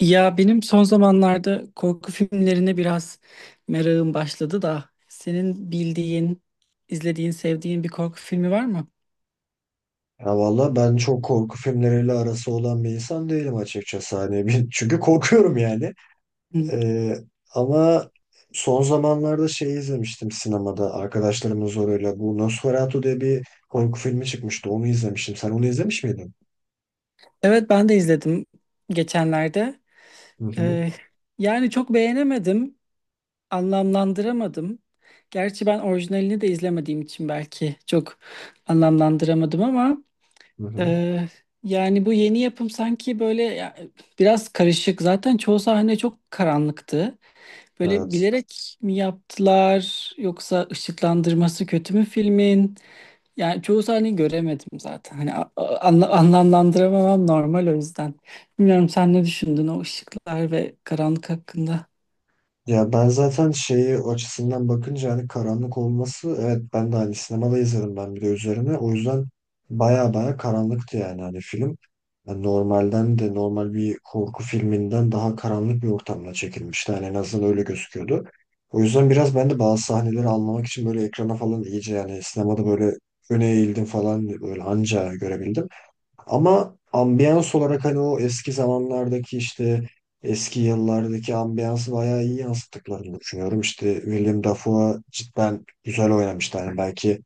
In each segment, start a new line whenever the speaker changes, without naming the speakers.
Ya benim son zamanlarda korku filmlerine biraz merakım başladı da senin bildiğin, izlediğin, sevdiğin bir korku filmi var mı?
Ya valla ben çok korku filmleriyle arası olan bir insan değilim açıkçası. Çünkü korkuyorum yani.
Hı.
Ee, ama son zamanlarda şey izlemiştim sinemada arkadaşlarımın zoruyla. Bu Nosferatu diye bir korku filmi çıkmıştı. Onu izlemiştim. Sen onu izlemiş miydin?
Evet ben de izledim geçenlerde.
Hı hı.
Ee, yani çok beğenemedim, anlamlandıramadım. Gerçi ben orijinalini de izlemediğim için belki çok anlamlandıramadım ama
Hı hı.
e, yani bu yeni yapım sanki böyle ya, biraz karışık. Zaten çoğu sahne çok karanlıktı. Böyle
Evet.
bilerek mi yaptılar yoksa ışıklandırması kötü mü filmin? Yani çoğu sahneyi göremedim zaten. Hani anlamlandıramamam normal o yüzden. Bilmiyorum sen ne düşündün o ışıklar ve karanlık hakkında?
Ya ben zaten şeyi o açısından bakınca hani karanlık olması evet ben de hani sinemada izledim ben bir de üzerine. O yüzden baya baya karanlıktı yani hani film. Yani normalden de normal bir korku filminden daha karanlık bir ortamda çekilmişti. Yani en azından öyle gözüküyordu. O yüzden biraz ben de bazı sahneleri anlamak için böyle ekrana falan iyice yani sinemada böyle öne eğildim falan böyle anca görebildim. Ama ambiyans olarak hani o eski zamanlardaki işte eski yıllardaki ambiyansı bayağı iyi yansıttıklarını düşünüyorum. İşte Willem Dafoe cidden güzel oynamıştı. Yani belki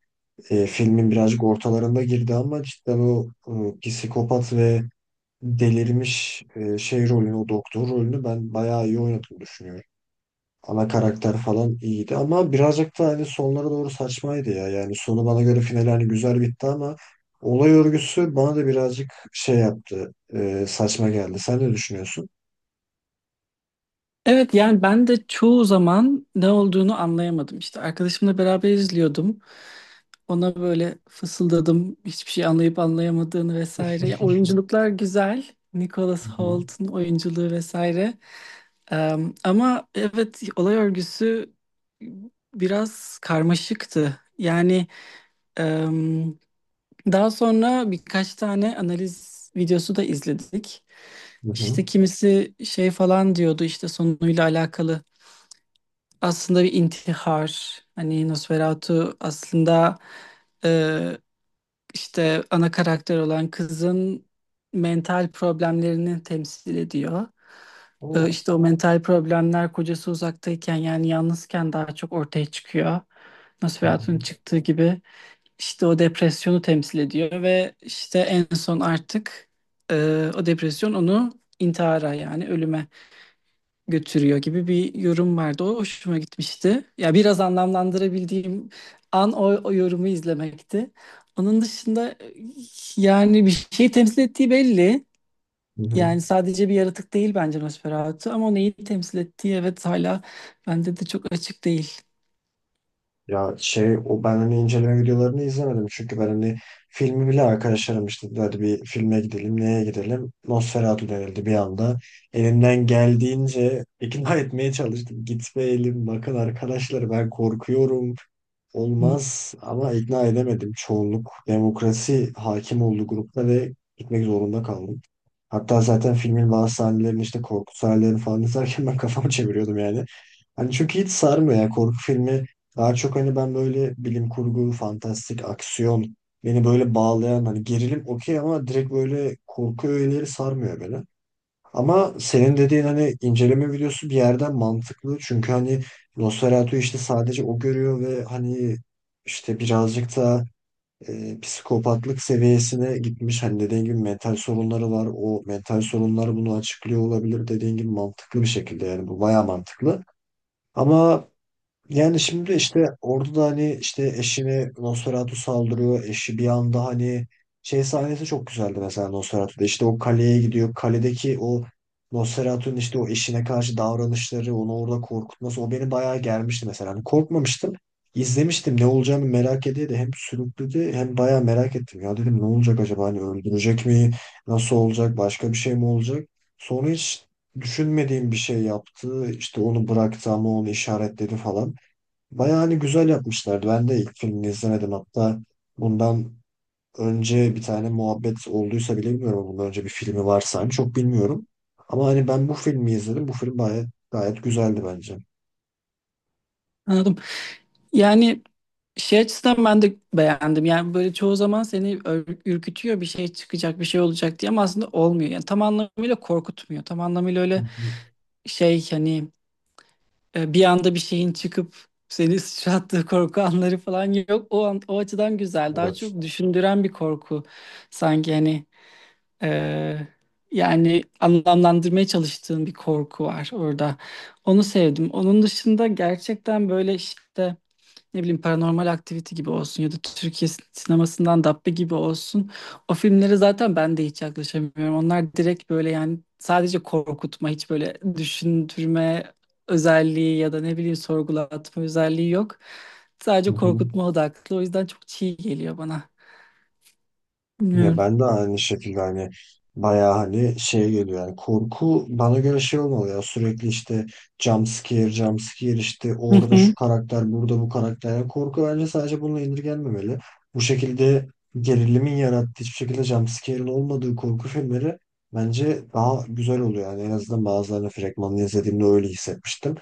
filmin birazcık ortalarında girdi ama cidden o psikopat ve delirmiş şey rolünü, o doktor rolünü ben bayağı iyi oynadığını düşünüyorum. Ana karakter falan iyiydi ama birazcık da hani sonlara doğru saçmaydı ya. Yani sonu bana göre final hani güzel bitti ama olay örgüsü bana da birazcık şey yaptı. Saçma geldi. Sen ne düşünüyorsun?
Evet yani ben de çoğu zaman ne olduğunu anlayamadım işte. Arkadaşımla beraber izliyordum. Ona böyle fısıldadım hiçbir şey anlayıp anlayamadığını vesaire. Ya, oyunculuklar güzel. Nicholas
Hı hı.
Holt'un oyunculuğu vesaire. Ama evet olay örgüsü biraz karmaşıktı. Yani em, daha sonra birkaç tane analiz videosu da izledik.
Hı hı.
İşte kimisi şey falan diyordu işte sonuyla alakalı. Aslında bir intihar. Hani Nosferatu aslında işte ana karakter olan kızın mental problemlerini temsil ediyor.
O-
İşte o mental problemler kocası uzaktayken yani yalnızken daha çok ortaya çıkıyor.
Hı hı.
Nosferatu'nun çıktığı gibi işte o depresyonu temsil ediyor ve işte en son artık o depresyon onu intihara yani ölüme götürüyor gibi bir yorum vardı. O hoşuma gitmişti. Ya biraz anlamlandırabildiğim an o, o yorumu izlemekti. Onun dışında yani bir şey temsil ettiği belli.
Hı hı.
Yani sadece bir yaratık değil bence Nosferatu ama neyi temsil ettiği evet hala bende de çok açık değil.
Ya şey o ben hani inceleme videolarını izlemedim çünkü ben hani filmi bile arkadaşlarım işte dedi hadi bir filme gidelim neye gidelim Nosferatu denildi bir anda elimden geldiğince ikna etmeye çalıştım gitmeyelim bakın arkadaşlar ben korkuyorum
Hı,
olmaz ama ikna edemedim çoğunluk demokrasi hakim olduğu grupta ve gitmek zorunda kaldık. Hatta zaten filmin bazı sahnelerini işte korku sahnelerini falan izlerken ben kafamı çeviriyordum yani. Hani çünkü hiç sarmıyor ya korku filmi. Daha çok hani ben böyle bilim kurgu, fantastik, aksiyon beni böyle bağlayan hani gerilim okey ama direkt böyle korku öğeleri sarmıyor beni. Ama senin dediğin hani inceleme videosu bir yerden mantıklı. Çünkü hani Nosferatu işte sadece o görüyor ve hani işte birazcık da psikopatlık seviyesine gitmiş. Hani dediğin gibi mental sorunları var. O mental sorunlar bunu açıklıyor olabilir. Dediğin gibi mantıklı bir şekilde yani bu bayağı mantıklı. Ama yani şimdi işte orada da hani işte eşini Nosferatu saldırıyor. Eşi bir anda hani şey sahnesi çok güzeldi mesela Nosferatu'da. İşte o kaleye gidiyor. Kaledeki o Nosferatu'nun işte o eşine karşı davranışları, onu orada korkutması o beni bayağı germişti mesela. Hani korkmamıştım. İzlemiştim ne olacağını merak ediyordu. Hem sürükledi hem bayağı merak ettim. Ya dedim ne olacak acaba hani öldürecek mi? Nasıl olacak? Başka bir şey mi olacak? Sonra hiç düşünmediğim bir şey yaptı. İşte onu bıraktı ama onu işaretledi falan. Bayağı hani güzel yapmışlardı. Ben de ilk filmini izlemedim. Hatta bundan önce bir tane muhabbet olduysa bile bilmiyorum. Ama bundan önce bir filmi varsa hani çok bilmiyorum. Ama hani ben bu filmi izledim. Bu film gayet, gayet güzeldi bence.
anladım. Yani şey açısından ben de beğendim. Yani böyle çoğu zaman seni ürkütüyor bir şey çıkacak bir şey olacak diye ama aslında olmuyor. Yani tam anlamıyla korkutmuyor. Tam anlamıyla
Hı
öyle
hı.
şey hani bir anda bir şeyin çıkıp seni sıçrattığı korku anları falan yok. O an, o açıdan güzel. Daha
Evet.
çok düşündüren bir korku. Sanki hani e, yani anlamlandırmaya çalıştığın bir korku var orada. Onu sevdim. Onun dışında gerçekten böyle işte ne bileyim Paranormal Activity gibi olsun ya da Türkiye sinemasından Dabbe gibi olsun. O filmlere zaten ben de hiç yaklaşamıyorum. Onlar direkt böyle yani sadece korkutma, hiç böyle düşündürme özelliği ya da ne bileyim sorgulatma özelliği yok.
Hı
Sadece
hı.
korkutma odaklı. O yüzden çok çiğ geliyor bana.
Ya
Bilmiyorum.
ben de aynı şekilde hani bayağı hani şey geliyor yani korku bana göre şey olmalı ya sürekli işte jump scare jump scare işte
Hı
orada şu
hı.
karakter burada bu karakter. Yani korku bence sadece bununla indirgenmemeli. Bu şekilde gerilimin yarattığı hiçbir şekilde jump scare'in olmadığı korku filmleri bence daha güzel oluyor yani en azından bazılarını fragmanını izlediğimde öyle hissetmiştim.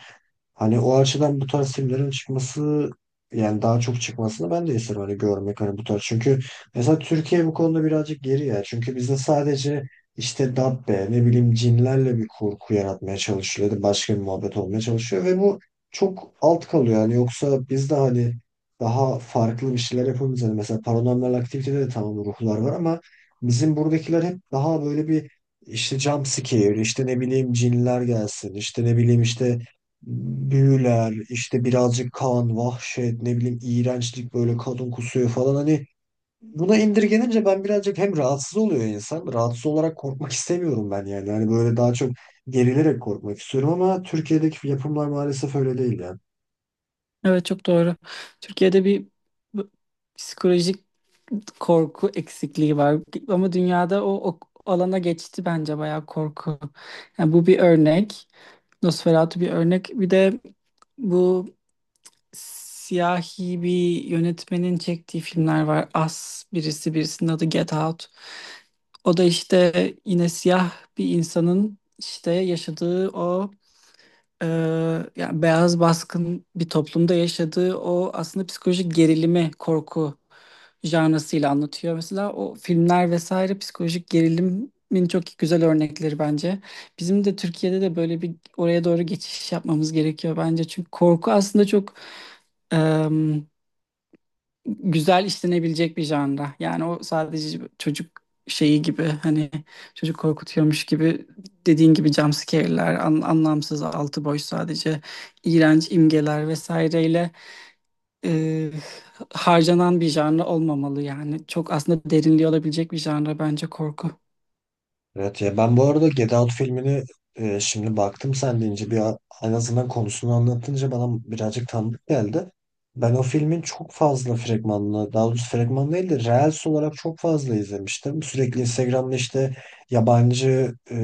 Hani o açıdan bu tarz filmlerin çıkması yani daha çok çıkmasını ben de isterim hani görmek hani bu tarz. Çünkü mesela Türkiye bu konuda birazcık geri ya. Çünkü bizde sadece işte dabbe ne bileyim cinlerle bir kurgu yaratmaya çalışılıyor. Ya da başka bir muhabbet olmaya çalışıyor ve bu çok alt kalıyor. Yani yoksa bizde hani daha farklı bir şeyler yapabiliriz. Hani mesela Paranormal Aktivite'de de tamam ruhlar var ama bizim buradakiler hep daha böyle bir işte jump scare, işte ne bileyim cinler gelsin, işte ne bileyim işte büyüler, işte birazcık kan, vahşet, ne bileyim iğrençlik böyle kadın kusuyor falan hani buna indirgenince ben birazcık hem rahatsız oluyor insan. Rahatsız olarak korkmak istemiyorum ben yani. Hani böyle daha çok gerilerek korkmak istiyorum ama Türkiye'deki yapımlar maalesef öyle değil ya.
Evet çok doğru. Türkiye'de bir bu- psikolojik korku eksikliği var. Ama dünyada o alana geçti bence bayağı korku. Yani bu bir örnek. Nosferatu bir örnek. Bir de bu siyahi bir yönetmenin çektiği filmler var. As birisi birisinin adı Get Out. O da işte yine siyah bir insanın işte yaşadığı o ee, yani beyaz baskın bir toplumda yaşadığı o aslında psikolojik gerilimi, korku janrasıyla anlatıyor. Mesela o filmler vesaire psikolojik gerilimin çok güzel örnekleri bence. Bizim de Türkiye'de de böyle bir oraya doğru geçiş yapmamız gerekiyor bence. Çünkü korku aslında çok güzel işlenebilecek bir janra. Yani o sadece çocuk şeyi gibi hani çocuk korkutuyormuş gibi dediğin gibi jumpscare'ler, anlamsız altı boş sadece iğrenç imgeler vesaireyle e, harcanan bir janra olmamalı yani. Çok aslında derinliği olabilecek bir janra bence korku.
Evet ya ben bu arada Get Out filmini şimdi baktım sen deyince en azından konusunu anlatınca bana birazcık tanıdık geldi. Ben o filmin çok fazla fragmanını, daha doğrusu fragman değil de Reels olarak çok fazla izlemiştim. Sürekli Instagram'da işte yabancı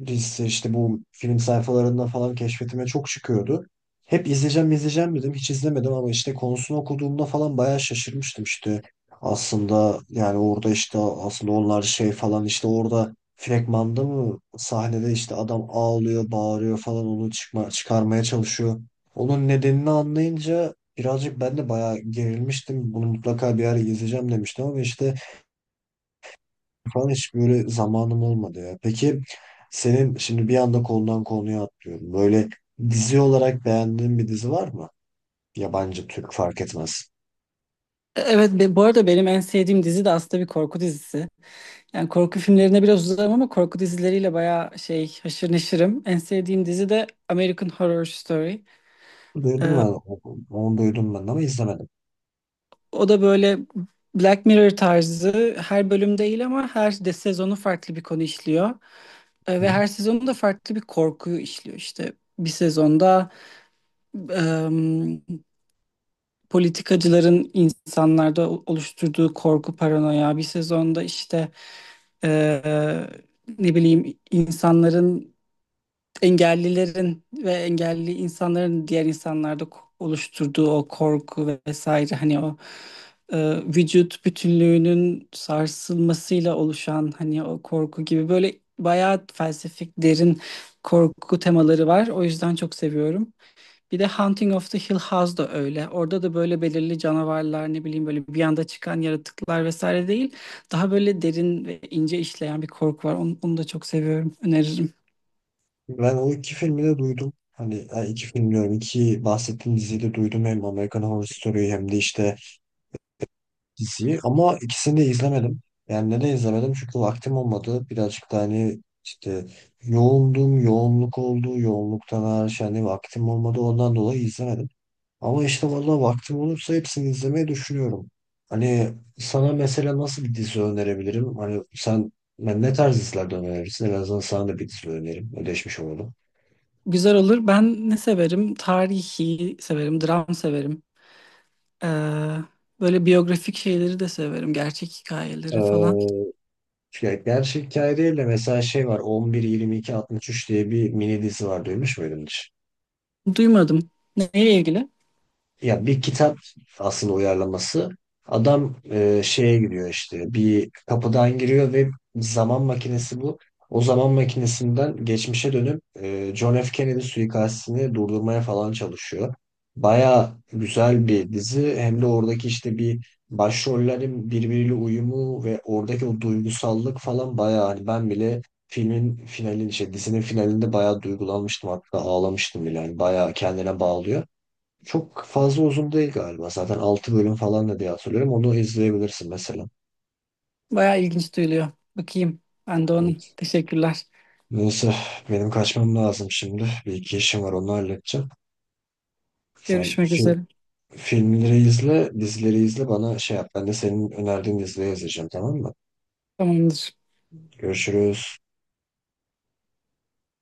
liste işte bu film sayfalarında falan keşfetime çok çıkıyordu. Hep izleyeceğim izleyeceğim dedim hiç izlemedim ama işte konusunu okuduğumda falan bayağı şaşırmıştım işte. Aslında yani orada işte aslında onlar şey falan işte orada fragmanda mı sahnede işte adam ağlıyor, bağırıyor falan onu çıkarmaya çalışıyor. Onun nedenini anlayınca birazcık ben de bayağı gerilmiştim. Bunu mutlaka bir ara izleyeceğim demiştim ama işte falan hiç böyle zamanım olmadı ya. Peki senin şimdi bir anda konudan konuya atlıyorum. Böyle dizi olarak beğendiğin bir dizi var mı? Yabancı, Türk fark etmez.
Evet, bu arada benim en sevdiğim dizi de aslında bir korku dizisi. Yani korku filmlerine biraz uzarım ama korku dizileriyle bayağı şey haşır neşirim. En sevdiğim dizi de American Horror Story. E,
Duydum ben, onu duydum ben ama izlemedim.
O da böyle Black Mirror tarzı her bölüm değil ama her de sezonu farklı bir konu işliyor. Ve
Hı.
her sezonu da farklı bir korkuyu işliyor işte. Bir sezonda em, politikacıların insanlarda oluşturduğu korku, paranoya. Bir sezonda işte e, ne bileyim insanların engellilerin ve engelli insanların diğer insanlarda oluşturduğu o korku vesaire hani o vücut bütünlüğünün sarsılmasıyla oluşan hani o korku gibi böyle bayağı felsefik derin korku temaları var. O yüzden çok seviyorum. Bir de Haunting of the Hill House da öyle. Orada da böyle belirli canavarlar ne bileyim böyle bir anda çıkan yaratıklar vesaire değil. Daha böyle derin ve ince işleyen bir korku var. Onu da çok seviyorum. Öneririm.
Ben o iki filmi de duydum. Hani yani iki film diyorum. İki bahsettiğim diziyi de duydum. Hem American Horror Story'yi hem de işte diziyi. Ama ikisini de izlemedim. Yani neden izlemedim? Çünkü vaktim olmadı. Birazcık da hani işte yoğundum. Yoğunluk oldu. Yoğunluktan hariç hani vaktim olmadı. Ondan dolayı izlemedim. Ama işte vallahi vaktim olursa hepsini izlemeyi düşünüyorum. Hani sana mesela nasıl bir dizi önerebilirim? Hani sen ben ne tarz dizilerden önerirsin? En azından sana da bir dizi önerim. Ödeşmiş olalım.
Güzel olur. Ben ne severim? Tarihi severim, dram severim. Ee, böyle biyografik şeyleri de severim, gerçek hikayeleri falan.
Ee, Ya gerçek hikaye değil de mesela şey var 11-22-63 diye bir mini dizi var duymuş muydun hiç?
Duymadım. Neyle ilgili?
Ya bir kitap aslında uyarlaması. Adam şeye giriyor işte bir kapıdan giriyor ve zaman makinesi bu. O zaman makinesinden geçmişe dönüp John F. Kennedy suikastini durdurmaya falan çalışıyor. Baya güzel bir dizi. Hem de oradaki işte bir başrollerin birbiriyle uyumu ve oradaki o duygusallık falan baya hani ben bile filmin finalin işte dizinin finalinde bayağı duygulanmıştım hatta ağlamıştım bile. Yani bayağı kendine bağlıyor. Çok fazla uzun değil galiba. Zaten 6 bölüm falan da diye hatırlıyorum. Onu izleyebilirsin mesela.
Bayağı ilginç duyuluyor. Bakayım. Ben de onu.
Evet.
Teşekkürler.
Neyse benim kaçmam lazım şimdi. Bir iki işim var onu halledeceğim. Sen
Görüşmek
fi-
üzere.
Filmleri izle, dizileri izle bana şey yap. Ben de senin önerdiğin dizileri izleyeceğim tamam mı?
Tamamdır.
Görüşürüz.